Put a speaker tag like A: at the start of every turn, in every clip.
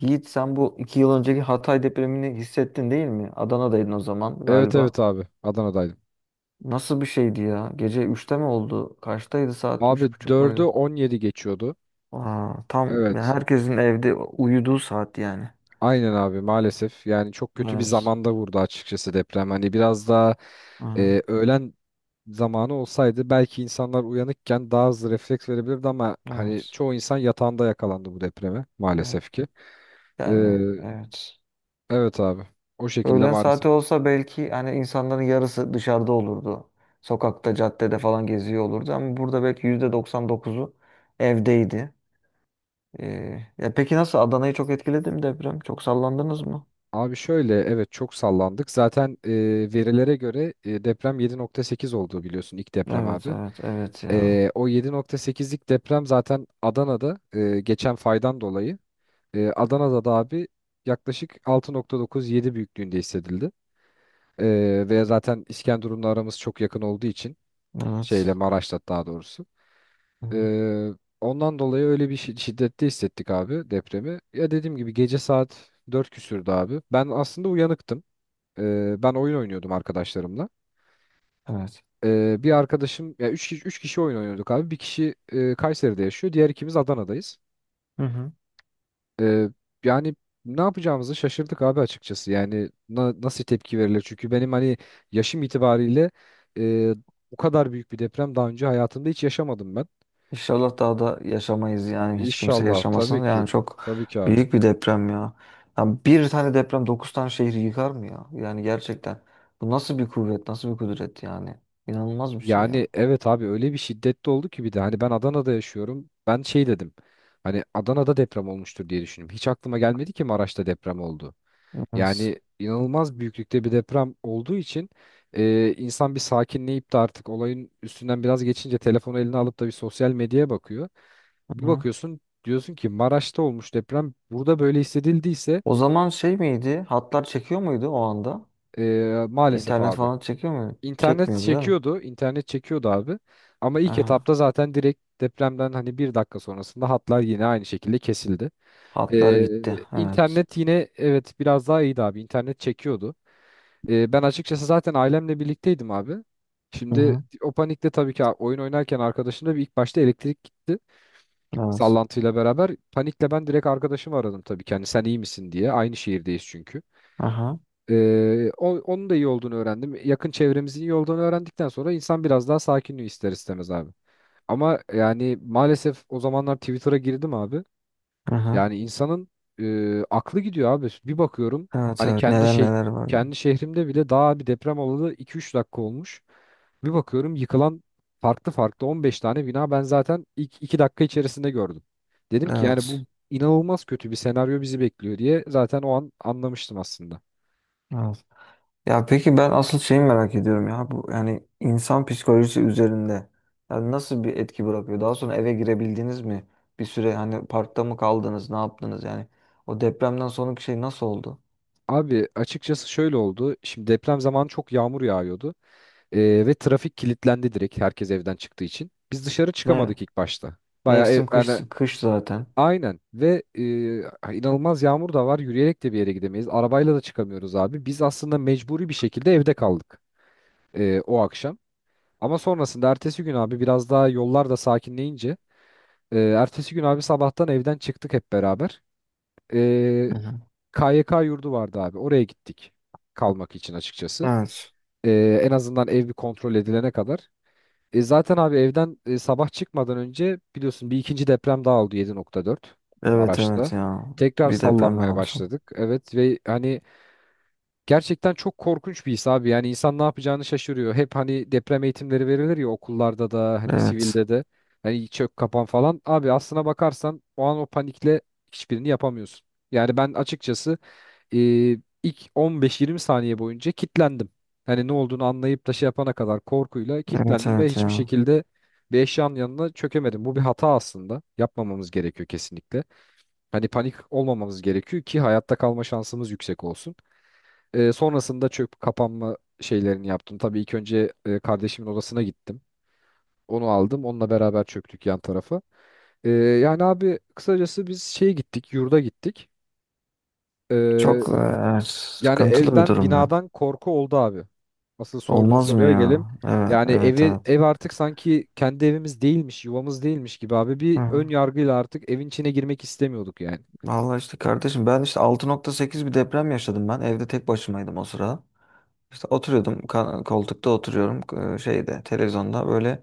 A: Yiğit sen bu iki yıl önceki Hatay depremini hissettin değil mi? Adana'daydın o zaman
B: Evet
A: galiba.
B: evet abi. Adana'daydım.
A: Nasıl bir şeydi ya? Gece üçte mi oldu? Kaçtaydı saat?
B: Abi
A: Üç buçuk
B: dördü
A: muydu?
B: 17 geçiyordu.
A: Aa, tam ya
B: Evet.
A: herkesin evde uyuduğu saat yani.
B: Aynen abi maalesef. Yani çok kötü bir
A: Evet.
B: zamanda vurdu açıkçası deprem. Hani biraz daha
A: Hı,
B: öğlen zamanı olsaydı belki insanlar uyanıkken daha hızlı refleks verebilirdi ama hani
A: evet.
B: çoğu insan yatağında yakalandı bu depreme maalesef
A: Evet.
B: ki. E,
A: Yani evet.
B: evet abi. O şekilde
A: Öğlen
B: maalesef.
A: saati olsa belki hani insanların yarısı dışarıda olurdu. Sokakta, caddede falan geziyor olurdu ama burada belki %99'u evdeydi. Ya peki nasıl Adana'yı çok etkiledi mi deprem? Çok sallandınız mı?
B: Abi şöyle evet çok sallandık. Zaten verilere göre deprem 7.8 olduğu biliyorsun ilk deprem
A: Evet,
B: abi.
A: evet, evet ya.
B: O 7.8'lik deprem zaten Adana'da geçen faydan dolayı Adana'da da abi yaklaşık 6.9-7 büyüklüğünde hissedildi. Ve zaten İskenderun'la aramız çok yakın olduğu için şeyle
A: Evet.
B: Maraş'la daha doğrusu.
A: Hı hı.
B: Ee, ondan dolayı öyle bir şiddette hissettik abi depremi. Ya dediğim gibi gece saat 4 küsürdü abi. Ben aslında uyanıktım. Ben oyun oynuyordum arkadaşlarımla.
A: Evet.
B: Bir arkadaşım ya 3 kişi, üç kişi oyun oynuyorduk abi. Bir kişi Kayseri'de yaşıyor. Diğer ikimiz Adana'dayız.
A: Hı hı.
B: Ee, yani ne yapacağımızı şaşırdık abi açıkçası. Yani nasıl tepki verilir? Çünkü benim hani yaşım itibariyle e, bu kadar büyük bir deprem daha önce hayatımda hiç yaşamadım ben.
A: İnşallah daha da yaşamayız yani hiç kimse
B: İnşallah tabii
A: yaşamasın.
B: ki.
A: Yani çok
B: Tabii ki abi.
A: büyük bir deprem ya. Ya bir tane deprem 9 tane şehri yıkar mı ya? Yani gerçekten. Bu nasıl bir kuvvet, nasıl bir kudret yani? İnanılmaz bir şey ya.
B: Yani evet abi öyle bir şiddetli oldu ki bir de hani ben Adana'da yaşıyorum. Ben şey dedim. Hani Adana'da deprem olmuştur diye düşündüm. Hiç aklıma gelmedi ki Maraş'ta deprem oldu.
A: Evet.
B: Yani inanılmaz büyüklükte bir deprem olduğu için insan bir sakinleyip de artık olayın üstünden biraz geçince telefonu eline alıp da bir sosyal medyaya bakıyor.
A: Hı
B: Bir
A: hı.
B: bakıyorsun diyorsun ki Maraş'ta olmuş deprem burada böyle hissedildiyse
A: O zaman şey miydi? Hatlar çekiyor muydu o anda?
B: maalesef
A: İnternet
B: abi.
A: falan çekiyor muydu?
B: İnternet
A: Çekmiyordu değil mi?
B: çekiyordu, internet çekiyordu abi. Ama ilk
A: Aha.
B: etapta zaten direkt depremden hani bir dakika sonrasında hatlar yine aynı şekilde kesildi.
A: Hatları gitti.
B: Ee,
A: Evet.
B: internet yine evet biraz daha iyiydi abi. İnternet çekiyordu. Ben açıkçası zaten ailemle birlikteydim abi.
A: Hı
B: Şimdi
A: hı.
B: o panikte tabii ki oyun oynarken arkadaşımda bir ilk başta elektrik gitti.
A: Evet.
B: Sallantıyla beraber. Panikle ben direkt arkadaşımı aradım tabii ki. Hani sen iyi misin diye. Aynı şehirdeyiz çünkü.
A: Aha.
B: Onun da iyi olduğunu öğrendim. Yakın çevremizin iyi olduğunu öğrendikten sonra insan biraz daha sakinliği ister istemez abi. Ama yani maalesef o zamanlar Twitter'a girdim abi.
A: Aha.
B: Yani insanın aklı gidiyor abi. Bir bakıyorum
A: Evet
B: hani
A: evet.
B: kendi
A: Neler
B: şey
A: neler var ya.
B: kendi şehrimde bile daha bir deprem olalı 2 üç dakika olmuş. Bir bakıyorum yıkılan farklı farklı 15 tane bina ben zaten ilk 2 dakika içerisinde gördüm. Dedim ki yani bu
A: Evet.
B: inanılmaz kötü bir senaryo bizi bekliyor diye zaten o an anlamıştım aslında.
A: Evet. Ya peki ben asıl şeyi merak ediyorum ya. Bu yani insan psikolojisi üzerinde yani nasıl bir etki bırakıyor? Daha sonra eve girebildiniz mi? Bir süre hani parkta mı kaldınız? Ne yaptınız yani? O depremden sonraki şey nasıl oldu?
B: Abi açıkçası şöyle oldu. Şimdi deprem zamanı çok yağmur yağıyordu. Ve trafik kilitlendi direkt herkes evden çıktığı için. Biz dışarı
A: Ve
B: çıkamadık ilk başta. Bayağı ev,
A: mevsim
B: yani
A: kış kış zaten.
B: aynen ve inanılmaz yağmur da var. Yürüyerek de bir yere gidemeyiz. Arabayla da çıkamıyoruz abi. Biz aslında mecburi bir şekilde evde kaldık o akşam. Ama sonrasında ertesi gün abi biraz daha yollar da sakinleyince ertesi gün abi sabahtan evden çıktık hep beraber. E,
A: Hı hı.
B: KYK yurdu vardı abi. Oraya gittik kalmak için açıkçası.
A: Evet.
B: E, en azından ev bir kontrol edilene kadar. E, zaten abi evden sabah çıkmadan önce biliyorsun bir ikinci deprem daha oldu 7.4
A: Evet
B: Maraş'ta.
A: evet ya.
B: Tekrar
A: Bir deprem daha
B: sallanmaya
A: olsun.
B: başladık. Evet ve hani gerçekten çok korkunç bir his abi. Yani insan ne yapacağını şaşırıyor. Hep hani deprem eğitimleri verilir ya okullarda da hani
A: Evet.
B: sivilde de. Hani çök kapan falan. Abi aslına bakarsan o an o panikle hiçbirini yapamıyorsun. Yani ben açıkçası e, ilk 15-20 saniye boyunca kitlendim. Hani ne olduğunu anlayıp da şey yapana kadar korkuyla
A: Evet
B: kitlendim ve
A: evet
B: hiçbir
A: ya.
B: şekilde bir eşyanın yanına çökemedim. Bu bir hata aslında. Yapmamamız gerekiyor kesinlikle. Hani panik olmamamız gerekiyor ki hayatta kalma şansımız yüksek olsun. E, sonrasında çöp kapanma şeylerini yaptım. Tabii ilk önce kardeşimin odasına gittim. Onu aldım. Onunla beraber çöktük yan tarafa. E, yani abi kısacası biz şeye gittik, yurda gittik. E,
A: Çok, evet,
B: Yani
A: sıkıntılı bir
B: evden
A: durum ya.
B: binadan korku oldu abi. Asıl sorduğun
A: Olmaz mı
B: soruya gelim.
A: ya? Evet,
B: Yani
A: evet,
B: evi
A: evet.
B: ev artık sanki kendi evimiz değilmiş, yuvamız değilmiş gibi abi.
A: Hı
B: Bir
A: hı.
B: ön yargıyla artık evin içine girmek istemiyorduk yani.
A: Vallahi işte kardeşim ben işte 6.8 bir deprem yaşadım ben. Evde tek başımaydım o sırada. İşte oturuyordum koltukta oturuyorum, e, şeyde televizyonda böyle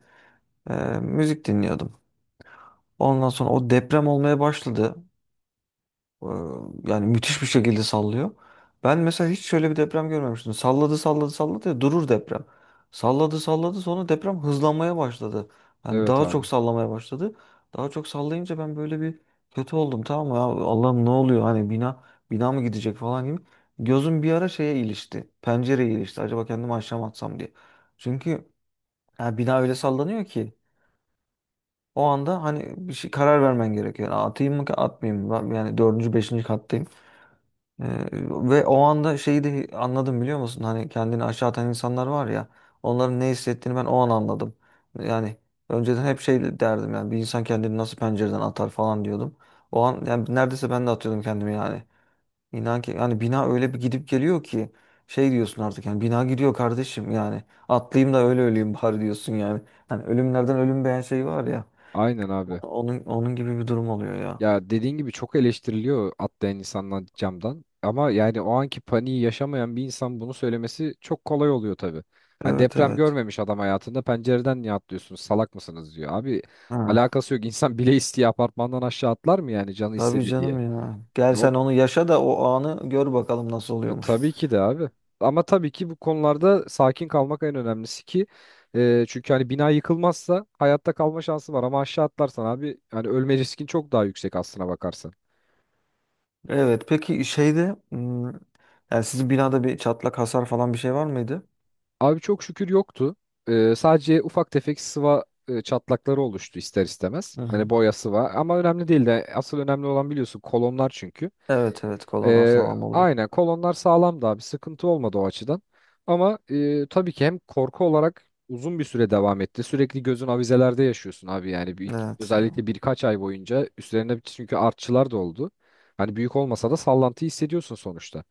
A: e, müzik dinliyordum. Ondan sonra o deprem olmaya başladı. Ee, Yani müthiş bir şekilde sallıyor. Ben mesela hiç şöyle bir deprem görmemiştim. Salladı salladı salladı ya durur deprem. Salladı salladı sonra deprem hızlanmaya başladı. Yani
B: Evet
A: daha
B: abi.
A: çok sallamaya başladı. Daha çok sallayınca ben böyle bir kötü oldum, tamam mı? Ya Allah'ım ne oluyor, hani bina bina mı gidecek falan gibi. Gözüm bir ara şeye ilişti. Pencereye ilişti. Acaba kendimi aşağı mı atsam diye. Çünkü ya bina öyle sallanıyor ki o anda hani bir şey karar vermen gerekiyor. Yani atayım mı atmayayım mı? Yani dördüncü, beşinci kattayım. Ee, Ve o anda şeyi de anladım biliyor musun? Hani kendini aşağı atan insanlar var ya, onların ne hissettiğini ben o an anladım. Yani önceden hep şey derdim, yani bir insan kendini nasıl pencereden atar falan diyordum. O an yani neredeyse ben de atıyordum kendimi yani. İnan ki yani bina öyle bir gidip geliyor ki şey diyorsun artık, yani bina gidiyor kardeşim yani, atlayayım da öyle öleyim bari diyorsun yani. Hani ölümlerden ölüm beğen şey var ya,
B: Aynen abi.
A: onun onun gibi bir durum oluyor ya.
B: Ya dediğin gibi çok eleştiriliyor atlayan insanlar camdan. Ama yani o anki paniği yaşamayan bir insan bunu söylemesi çok kolay oluyor tabii. Hani
A: Evet
B: deprem
A: evet.
B: görmemiş adam hayatında pencereden niye atlıyorsunuz salak mısınız diyor. Abi
A: Ha.
B: alakası yok, insan bile isteye apartmandan aşağı atlar mı yani canı
A: Tabii
B: istedi diye.
A: canım ya. Gel sen
B: Hop,
A: onu yaşa da o anı gör bakalım nasıl oluyormuş.
B: tabii ki de abi. Ama tabii ki bu konularda sakin kalmak en önemlisi ki çünkü hani bina yıkılmazsa hayatta kalma şansı var ama aşağı atlarsan abi hani ölme riskin çok daha yüksek aslına bakarsan.
A: Evet peki yani sizin binada bir çatlak hasar falan bir şey var mıydı?
B: Abi çok şükür yoktu. E, sadece ufak tefek sıva çatlakları oluştu ister istemez.
A: Hı hı.
B: Hani boya sıva ama önemli değil de asıl önemli olan biliyorsun kolonlar çünkü.
A: Evet evet, kolonlar
B: Ee,
A: sağlam oldu.
B: aynen kolonlar sağlamdı abi sıkıntı olmadı o açıdan. Ama tabii ki hem korku olarak uzun bir süre devam etti. Sürekli gözün avizelerde yaşıyorsun abi yani bir,
A: Evet ya.
B: özellikle birkaç ay boyunca üstlerine çünkü artçılar da oldu. Hani büyük olmasa da sallantıyı hissediyorsun sonuçta.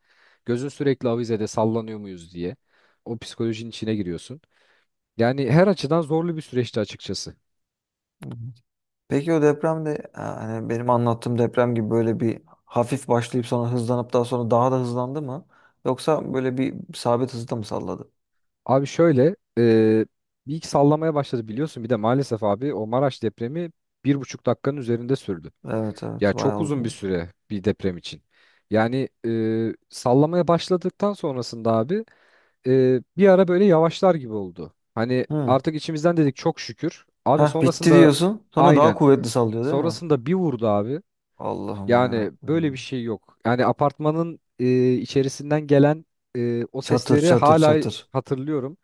B: Gözün sürekli avizede sallanıyor muyuz diye o psikolojinin içine giriyorsun. Yani her açıdan zorlu bir süreçti açıkçası.
A: Hı hı. Peki o depremde yani benim anlattığım deprem gibi böyle bir hafif başlayıp sonra hızlanıp daha sonra daha da hızlandı mı? Yoksa böyle bir sabit hızda mı salladı?
B: Abi şöyle bir iki sallamaya başladı biliyorsun bir de maalesef abi o Maraş depremi 1,5 dakikanın üzerinde sürdü.
A: Evet
B: Ya
A: evet,
B: çok
A: bayağı
B: uzun bir
A: uzun.
B: süre bir deprem için. Yani sallamaya başladıktan sonrasında abi bir ara böyle yavaşlar gibi oldu. Hani
A: Hı.
B: artık içimizden dedik çok şükür. Abi
A: Heh bitti
B: sonrasında
A: diyorsun sonra daha
B: aynen.
A: kuvvetli sallıyor değil mi?
B: Sonrasında bir vurdu abi.
A: Allah'ım ya.
B: Yani böyle bir şey yok. Yani apartmanın içerisinden gelen o
A: Çatır
B: sesleri
A: çatır
B: hala
A: çatır.
B: hatırlıyorum.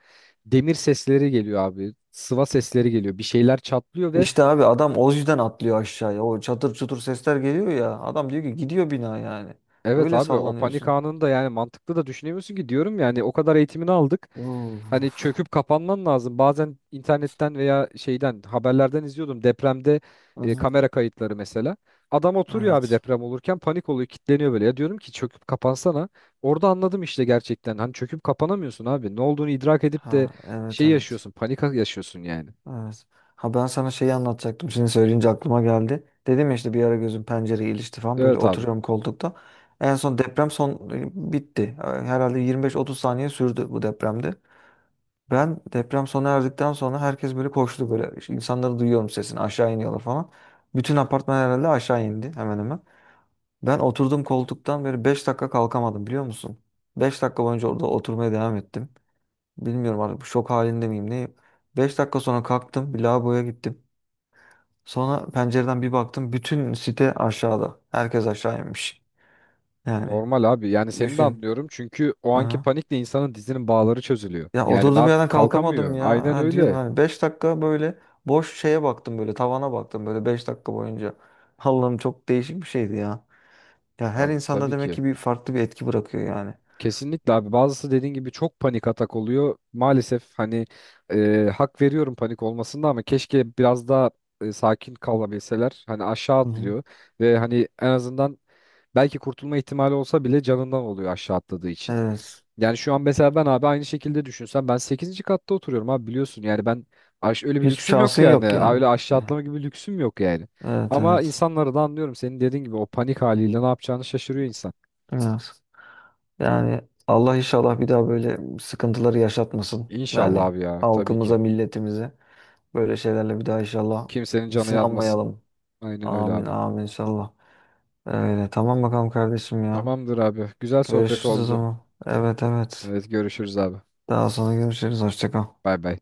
B: Demir sesleri geliyor abi. Sıva sesleri geliyor. Bir şeyler çatlıyor ve
A: İşte abi adam o yüzden atlıyor aşağıya. O çatır çutur sesler geliyor ya. Adam diyor ki gidiyor bina yani.
B: evet
A: Öyle
B: abi o panik
A: sallanıyorsun.
B: anında yani mantıklı da düşünemiyorsun ki diyorum yani o kadar eğitimini aldık. Hani
A: Uf.
B: çöküp kapanman lazım. Bazen internetten veya şeyden haberlerden izliyordum depremde
A: Hı-hı.
B: kamera kayıtları mesela. Adam oturuyor abi
A: Evet.
B: deprem olurken panik oluyor, kilitleniyor böyle. Ya diyorum ki çöküp kapansana. Orada anladım işte gerçekten. Hani çöküp kapanamıyorsun abi. Ne olduğunu idrak edip de
A: Ha, evet
B: şey
A: evet.
B: yaşıyorsun, panik yaşıyorsun yani.
A: Evet. Ha ben sana şeyi anlatacaktım. Şimdi söyleyince aklıma geldi. Dedim ya işte bir ara gözüm pencereye ilişti falan. Böyle
B: Evet abi.
A: oturuyorum koltukta. En son deprem son bitti. Herhalde 25-30 saniye sürdü bu depremde. Ben deprem sona erdikten sonra herkes böyle koştu böyle. İşte İnsanları duyuyorum sesini, aşağı iniyorlar falan. Bütün apartman herhalde aşağı indi hemen hemen. Ben oturduğum koltuktan böyle 5 dakika kalkamadım biliyor musun? 5 dakika boyunca orada oturmaya devam ettim. Bilmiyorum artık şok halinde miyim neyim. 5 dakika sonra kalktım bir lavaboya gittim. Sonra pencereden bir baktım, bütün site aşağıda. Herkes aşağı inmiş. Yani
B: Normal abi. Yani seni de
A: düşün.
B: anlıyorum. Çünkü o anki panikle insanın dizinin bağları çözülüyor.
A: Ya
B: Yani ne
A: oturdum yerden
B: yap
A: kalkamadım
B: kalkamıyor.
A: ya.
B: Aynen
A: Ha diyorum
B: öyle.
A: yani 5 dakika böyle boş şeye baktım, böyle tavana baktım böyle 5 dakika boyunca. Allah'ım çok değişik bir şeydi ya. Ya her
B: Abi
A: insanda
B: tabii
A: demek
B: ki.
A: ki bir farklı bir etki bırakıyor yani.
B: Kesinlikle abi. Bazısı dediğin gibi çok panik atak oluyor. Maalesef hani hak veriyorum panik olmasında ama keşke biraz daha sakin kalabilseler. Hani aşağı
A: Hı hı.
B: atlıyor ve hani en azından belki kurtulma ihtimali olsa bile canından oluyor aşağı atladığı için.
A: Evet.
B: Yani şu an mesela ben abi aynı şekilde düşünsem ben sekizinci katta oturuyorum abi biliyorsun yani ben öyle bir
A: Hiçbir
B: lüksüm yok
A: şansın
B: yani,
A: yok yani.
B: Öyle aşağı
A: Yani,
B: atlama gibi bir lüksüm yok yani.
A: evet
B: Ama
A: evet.
B: insanları da anlıyorum senin dediğin gibi o panik haliyle ne yapacağını şaşırıyor insan.
A: Evet. Yani Allah inşallah bir daha böyle sıkıntıları yaşatmasın.
B: İnşallah
A: Yani
B: abi ya tabii
A: halkımıza,
B: ki.
A: milletimize böyle şeylerle bir daha inşallah
B: Kimsenin canı yanmasın.
A: sınanmayalım.
B: Aynen öyle
A: Amin
B: abi.
A: amin inşallah. Öyle tamam bakalım kardeşim ya.
B: Tamamdır abi. Güzel sohbet
A: Görüşürüz o
B: oldu.
A: zaman. Evet evet.
B: Evet görüşürüz abi.
A: Daha sonra görüşürüz. Hoşça kal.
B: Bay bay.